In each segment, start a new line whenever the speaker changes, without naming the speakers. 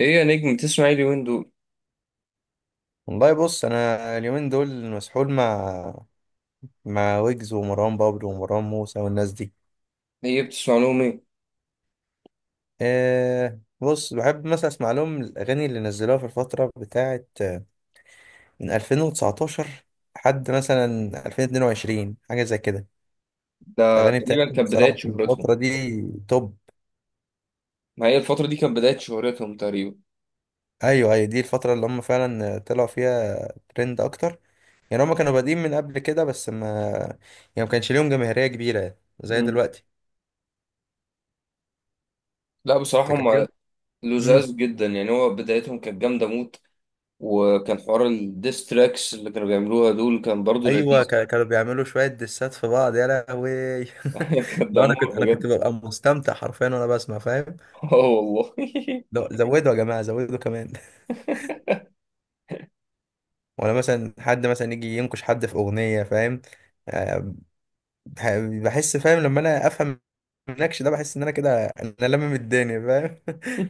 ايه يا نجم بتسمع ايه اليومين دول؟
والله بص، انا اليومين دول مسحول مع ويجز ومروان بابلو ومروان موسى والناس دي.
ايه بتسمع لهم ايه؟
بص بحب مثلا اسمع لهم الاغاني اللي نزلوها في الفتره بتاعه من 2019 لحد مثلا 2022، حاجه زي كده.
ده
الاغاني
تقريبا
بتاعتهم
كانت بداية
بصراحه في
شهرتهم.
الفتره دي توب.
ما هي الفترة دي كانت بداية شهرتهم تقريبا.
ايوه ايوه، دي الفتره اللي هم فعلا طلعوا فيها ترند اكتر. يعني هم كانوا بادئين من قبل كده بس ما، يعني ما كانش ليهم جماهيريه كبيره زي
مم.
دلوقتي.
لا بصراحة
تكلم.
هم لزاز جدا، يعني هو بدايتهم كانت جامدة موت. وكان حوار الديستراكس اللي كانوا بيعملوها دول كان برضو
ايوه،
لذيذ.
كانوا بيعملوا شويه دسات في بعض يا لهوي.
كان
لو انا
دمار
كنت انا كنت
بجد.
ببقى مستمتع حرفيا وانا بسمع، فاهم؟
اه والله.
لو زودوا يا جماعه، زودوا كمان. ولا مثلا حد مثلا يجي ينكش حد في اغنيه، فاهم؟ آه، بح- بحس، فاهم؟ لما انا افهم النكش ده بحس ان انا كده لمم الدنيا، فاهم؟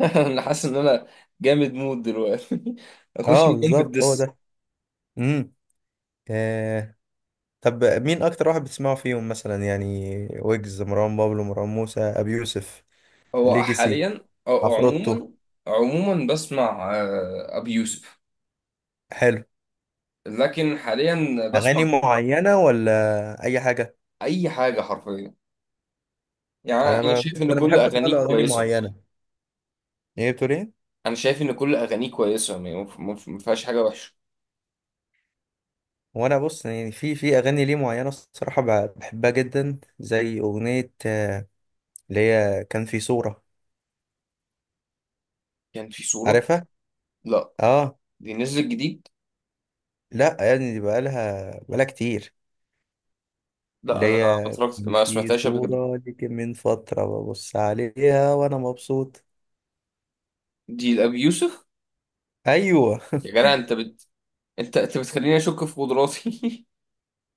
انا حاسس ان انا جامد مود دلوقتي اخش
اه
مكان في
بالظبط، هو
الدس.
ده. امم آه. طب مين اكتر واحد بتسمعه فيهم مثلا، يعني ويجز، مروان بابلو، مروان موسى، ابي يوسف،
هو
ليجاسي،
حاليا او
عفروتو؟
عموما؟ عموما بسمع ابي يوسف.
حلو.
لكن حاليا
اغاني
بسمع
معينه ولا اي حاجه؟
اي حاجه حرفيا. يعني انا شايف ان
انا
كل
بحب اسمع له
اغانيك
اغاني
كويسه.
معينه. ايه بتقول ايه؟
انا شايف ان كل اغانيك كويسه، يعني ما فيهاش حاجه وحشه.
وانا بص، يعني في اغاني ليه معينه الصراحه بحبها جدا، زي اغنيه اللي هي كان في صوره.
كان في صوره.
عارفها؟
لا.
اه.
دي نزلت جديد؟
لا، يعني دي بقالها كتير.
لا
اللي
انا ما
هي
اتفرجت
كان
ما
في
سمعتهاش قبل كده.
صوره ليك من فتره ببص عليها وانا مبسوط.
دي لابي يوسف؟
ايوه.
يا جدع انت انت بتخليني اشك في قدراتي.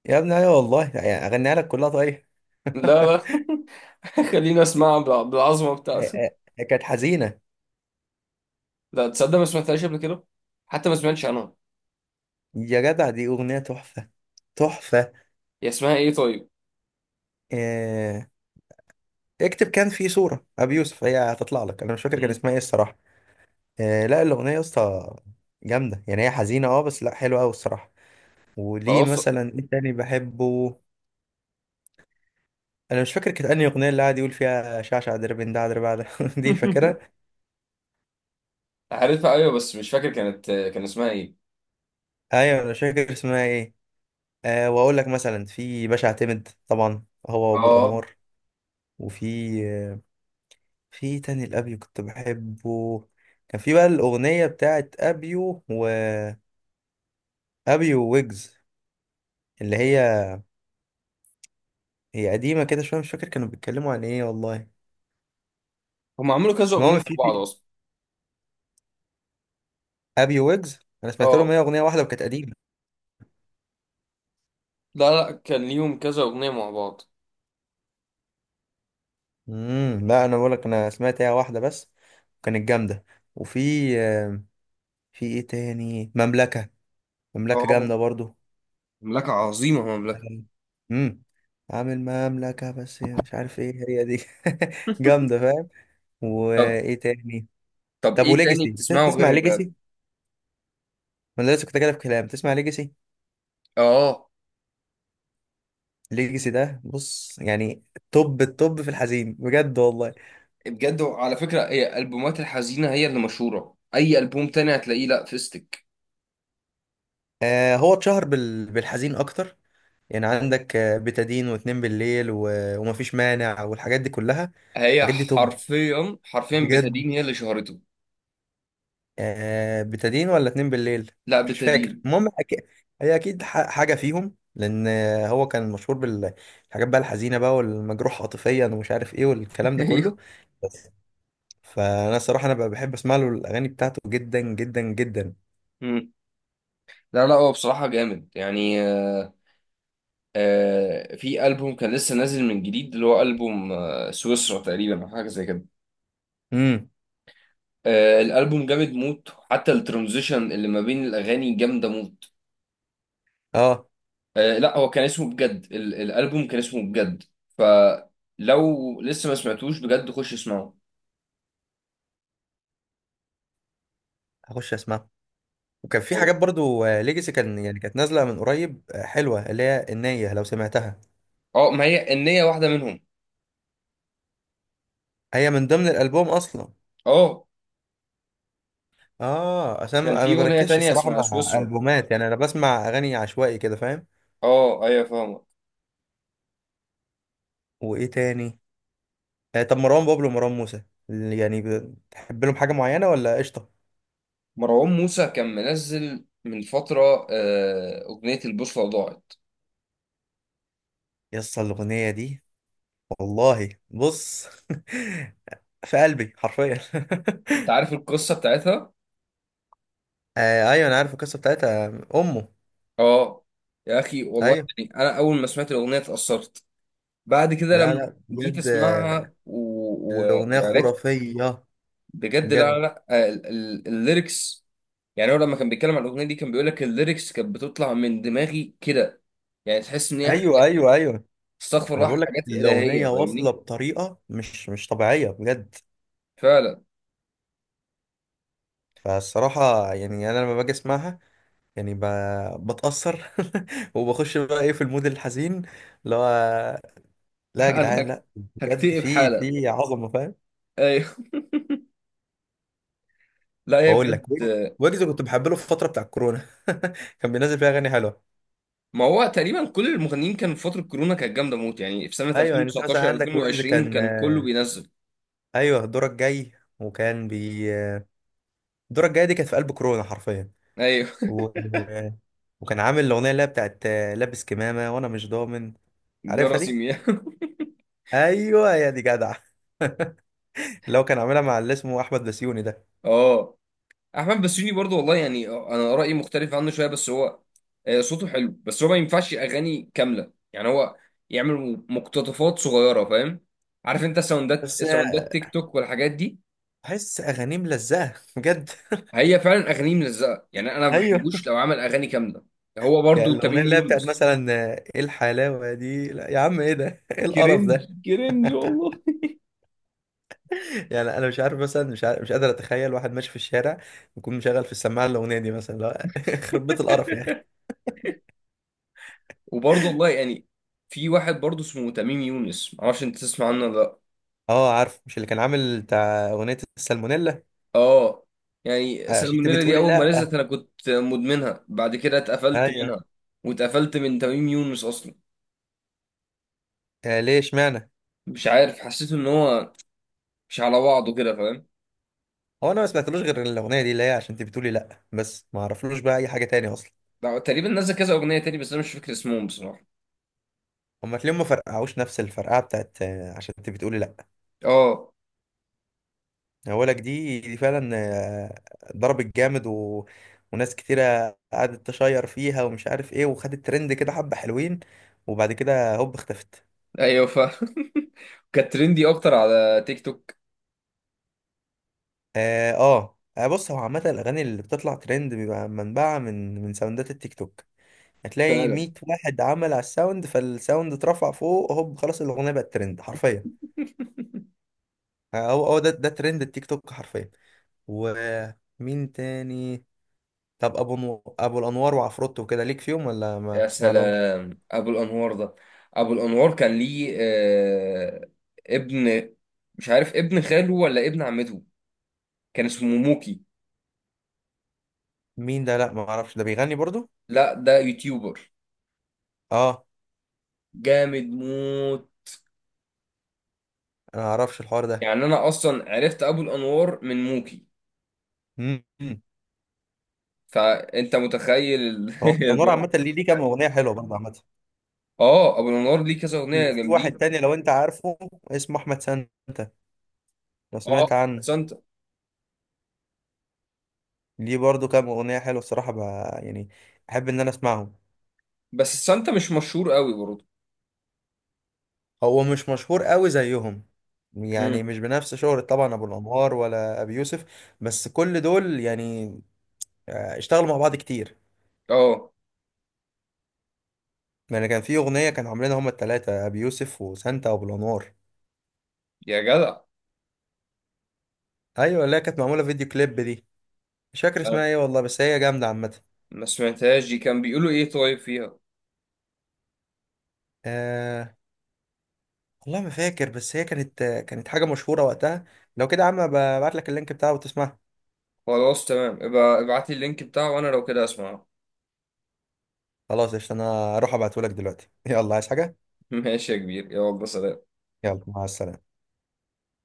يا ابني، ايوه والله، يعني اغنيها لك كلها طيب.
لا لا. خليني اسمعها بالعظمه بتاعته.
هي- هي كانت حزينه.
لا تصدق ما سمعتهاش قبل كده، حتى ما سمعتش عنها.
يا جدع، دي اغنيه تحفه، تحفة.
هي اسمها ايه طيب؟
آه، اكتب كان في صورة أبي يوسف هي هتطلع لك. أنا مش فاكر كان
مم.
اسمها إيه الصراحة. لا، الأغنية يا اسطى جامدة، يعني هي حزينة أه بس لا حلوة أوي الصراحة. وليه
خلاص
مثلا إيه تاني بحبه؟ أنا مش فاكر كانت أنهي أغنية اللي قاعد يقول فيها شعشع دربن ده دربع ده، دي فاكرها.
عارفها ايوه، بس مش فاكر كانت كان اسمها ايه.
أيوة، أنا مش فاكر اسمها إيه. أه، وأقول لك مثلا في باشا اعتمد طبعا، هو وأبو
اه.
الأنوار. وفي آه، في تاني الأبيو كنت بحبه. كان في بقى الأغنية بتاعت أبيو وأبيو ويجز، اللي هي، هي قديمة كده شوية، مش فاكر كانوا بيتكلموا عن ايه والله.
هم عملوا كذا اغنيه مع
المهم في
بعض
في
اصلا.
ابي ويجز انا سمعت لهم
اه.
هي اغنية واحدة وكانت قديمة.
لا لا كان ليهم كذا اغنيه مع بعض.
امم، لا انا بقول لك انا سمعت هي واحدة بس، وكانت جامدة. وفي آه، في ايه تاني، مملكة. مملكة
اه.
جامدة برضو.
مملكة عظيمة مملكة.
امم، عامل مملكة بس مش عارف ايه هي دي. جامدة، فاهم؟
طب.
وايه تاني؟
طب
طب
ايه تاني
وليجاسي،
بتسمعه غير
تسمع
الراب؟
ليجاسي؟ ما انا لسه كنت كده في كلام، تسمع ليجاسي؟
اه.
ليجاسي ده بص، يعني توب التوب في الحزين بجد والله.
بجد على فكره، هي البومات الحزينه هي اللي مشهوره، اي البوم تاني هتلاقيه لا فيستك.
آه، هو اتشهر بالحزين اكتر. يعني عندك بتادين واتنين بالليل، و... ومفيش مانع والحاجات دي كلها.
هي
الحاجات دي توب
حرفيا حرفيا
بجد.
بتدين هي اللي شهرته.
آه، بتادين ولا اتنين بالليل،
لا
مش فاكر.
بتدين.
المهم هي اكيد حاجه فيهم، لان هو كان مشهور بالحاجات بقى الحزينه بقى، والمجروح عاطفيا ومش عارف ايه والكلام ده كله.
ايوه.
بس فانا الصراحه انا بقى بحب اسمع له الاغاني بتاعته جدا جدا جدا.
مم. لا لا هو بصراحه جامد، يعني في ألبوم كان لسه نازل من جديد اللي هو ألبوم سويسرا تقريبا أو حاجة زي كده.
امم.
الألبوم جامد موت، حتى الترانزيشن اللي ما بين الأغاني جامدة موت.
اه،
لا هو كان اسمه بجد، الألبوم كان اسمه بجد. فلو لسه ما سمعتوش بجد خش اسمعه.
هخش اسمعها. وكان في
أو
حاجات برضو ليجاسي كان يعني كانت نازله من قريب، حلوه، اللي هي النيه لو سمعتها.
اه ما هي النية واحدة منهم.
هي من ضمن الالبوم اصلا.
اه
اه، عشان انا ما
كان
أنا
في
ما
أغنية
بركزش
تانية
الصراحه
اسمها
مع
سويسرا.
البومات، يعني انا بسمع اغاني عشوائي كده، فاهم؟
اه أيوة فاهمك.
وايه تاني؟ آه، طب مروان بابلو ومروان موسى، يعني بتحب لهم حاجه معينه ولا قشطه؟
مروان موسى كان منزل من فترة أغنية البوصلة ضاعت.
يس، الاغنيه دي، والله بص في قلبي حرفيا.
أنت عارف القصة بتاعتها؟
آه ايوه، انا عارف القصه بتاعتها، امه.
اه. يا اخي والله،
ايوه.
يعني انا اول ما سمعت الاغنيه اتاثرت. بعد كده
لا
لما
لا
جيت
بجد،
اسمعها
الأغنية
وعرفت
خرافية
بجد. لا لا
بجد.
لا الليركس. يعني هو لما كان بيتكلم عن الاغنيه دي كان بيقول لك الليركس كانت بتطلع من دماغي كده. يعني تحس ان هي
ايوه
حاجات
ايوه ايوه.
استغفر
أنا
الله،
بقول لك
حاجات الهيه
الأغنية واصلة
فاهمني.
بطريقة مش طبيعية بجد.
فعلا.
فالصراحة يعني أنا لما باجي أسمعها، يعني بتأثر، وبخش بقى إيه في المود الحزين اللي هو، لا يا
انا
جدعان لا بجد
هكتئب
في
حالا.
في عظمة، فاهم؟
ايوه لا هي
بقول
بجد.
لك ويجز. ويجز كنت بحب له في الفترة بتاع الكورونا. كان بينزل فيها أغاني حلوة.
ما هو تقريبا كل المغنيين كانوا في فتره كورونا كانت جامده موت، يعني في سنه
أيوه، يعني أنت مثلا
2019
عندك ويجز
2020
كان
كان كله بينزل.
أيوه، دورك جاي. وكان بي آه، دورك جاي دي كانت في قلب كورونا حرفيا.
ايوه
و... وكان عامل الاغنيه اللي هي بتاعت لابس كمامه وانا مش ضامن. عارفها
جرس
دي؟
يمين
ايوه يا دي جدع. اللي هو كان عاملها مع اللي اسمه احمد بسيوني ده.
اه. احمد بسيوني برضو والله، يعني انا رايي مختلف عنه شويه، بس هو صوته حلو بس هو ما ينفعش اغاني كامله. يعني هو يعمل مقتطفات صغيره فاهم. عارف انت ساوندات
بس
ساوندات تيك توك والحاجات دي.
بحس اغانيه ملزقه بجد.
هي فعلا اغانيه ملزقه، يعني انا ما
ايوه.
بحبوش لو عمل اغاني كامله. هو
يعني
برضو
الاغنيه
تميم
اللي هي بتاعت
يونس.
مثلا ايه الحلاوه دي، لا يا عم ايه ده، ايه القرف
كرنج
ده.
كرنج والله.
يعني انا مش عارف مثلا، مش عارف، مش قادر اتخيل واحد ماشي في الشارع يكون مشغل في السماعه الاغنيه دي مثلا، لا يخرب بيت القرف يا اخي.
وبرضو والله يعني في واحد برضو اسمه تميم يونس، معرفش انت تسمع عنه ولا لا.
اه عارف، مش اللي كان عامل بتاع اغنيه السالمونيلا
اه. يعني
عشان انت
السالمونيلا دي
بتقولي
اول ما
لا؟
نزلت انا كنت مدمنها، بعد كده اتقفلت
ايوه.
منها. واتقفلت من تميم يونس اصلا.
آه ليه، اشمعنى؟
مش عارف، حسيت ان هو مش على بعضه كده فاهم.
هو انا ما سمعتلوش غير الاغنيه دي اللي هي عشان انت بتقولي لا، بس ما اعرفلوش بقى اي حاجه تاني اصلا.
ده تقريبا نزل كذا اغنيه تاني بس انا مش فاكر اسمهم بصراحه.
هما تلاقيهم ما فرقعوش نفس الفرقعه بتاعت عشان انت بتقولي لا.
اه
اولك دي دي فعلا ضربت جامد، و... وناس كتيره قعدت تشير فيها ومش عارف ايه، وخدت ترند كده حبه حلوين، وبعد كده هوب اختفت.
ايوه ف كانت ترندي اكتر على تيك توك.
اه، بص، هو عامه الاغاني اللي بتطلع ترند بيبقى منبعها من ساوندات التيك توك. هتلاقي
فعلا.
100 واحد عمل على الساوند، فالساوند اترفع فوق هوب خلاص الاغنيه بقت ترند حرفيا. هو ده ترند التيك توك حرفيا. ومين تاني؟ طب ابو الانوار وعفروتو وكده، ليك فيهم ولا ما
يا
بتسمع لهمش؟
سلام ابو الانوار ده. ابو الانوار كان ليه ابن، مش عارف ابن خاله ولا ابن عمته، كان اسمه موكي.
مين ده؟ لا ما اعرفش، ده بيغني برضو؟
لا ده يوتيوبر
اه،
جامد موت.
انا ما اعرفش الحوار ده.
يعني انا اصلا عرفت ابو الانوار من موكي.
امم.
فانت متخيل
هو الانوار
الوضع.
عامه ليه كام اغنيه حلوه برضه عامه.
اه ابو الانوار ليه كذا اغنيه
وفي واحد
جامدين.
تاني لو انت عارفه، اسمه احمد سانتا، لو
اه.
سمعت عنه.
سانتا.
ليه برضه كام اغنيه حلوه الصراحه، بقى يعني احب ان انا اسمعهم.
بس سانتا مش مشهور قوي برضه.
هو مش مشهور قوي زيهم، يعني
امم.
مش بنفس شهرة طبعا ابو الانوار ولا ابي يوسف، بس كل دول يعني اشتغلوا مع بعض كتير.
اه.
يعني كان في اغنية كانوا عاملينها هما التلاتة، ابي يوسف وسانتا وابو الانوار.
يا جدع.
ايوه، اللي هي كانت معمولة فيديو كليب دي. مش فاكر
أنا
اسمها ايه والله بس هي جامدة عامة.
ما سمعتهاش دي، كان بيقولوا ايه طيب فيها؟
أه والله ما فاكر، بس هي كانت كانت حاجة مشهورة وقتها. لو كده يا عم ببعت لك اللينك بتاعه وتسمعها.
خلاص تمام، ابقى ابعت لي اللينك بتاعه وانا لو كده اسمعه.
خلاص قشطة، انا اروح ابعته لك دلوقتي. يلا، عايز حاجة؟
ماشي يا كبير، يلا سلام.
يلا مع السلامة.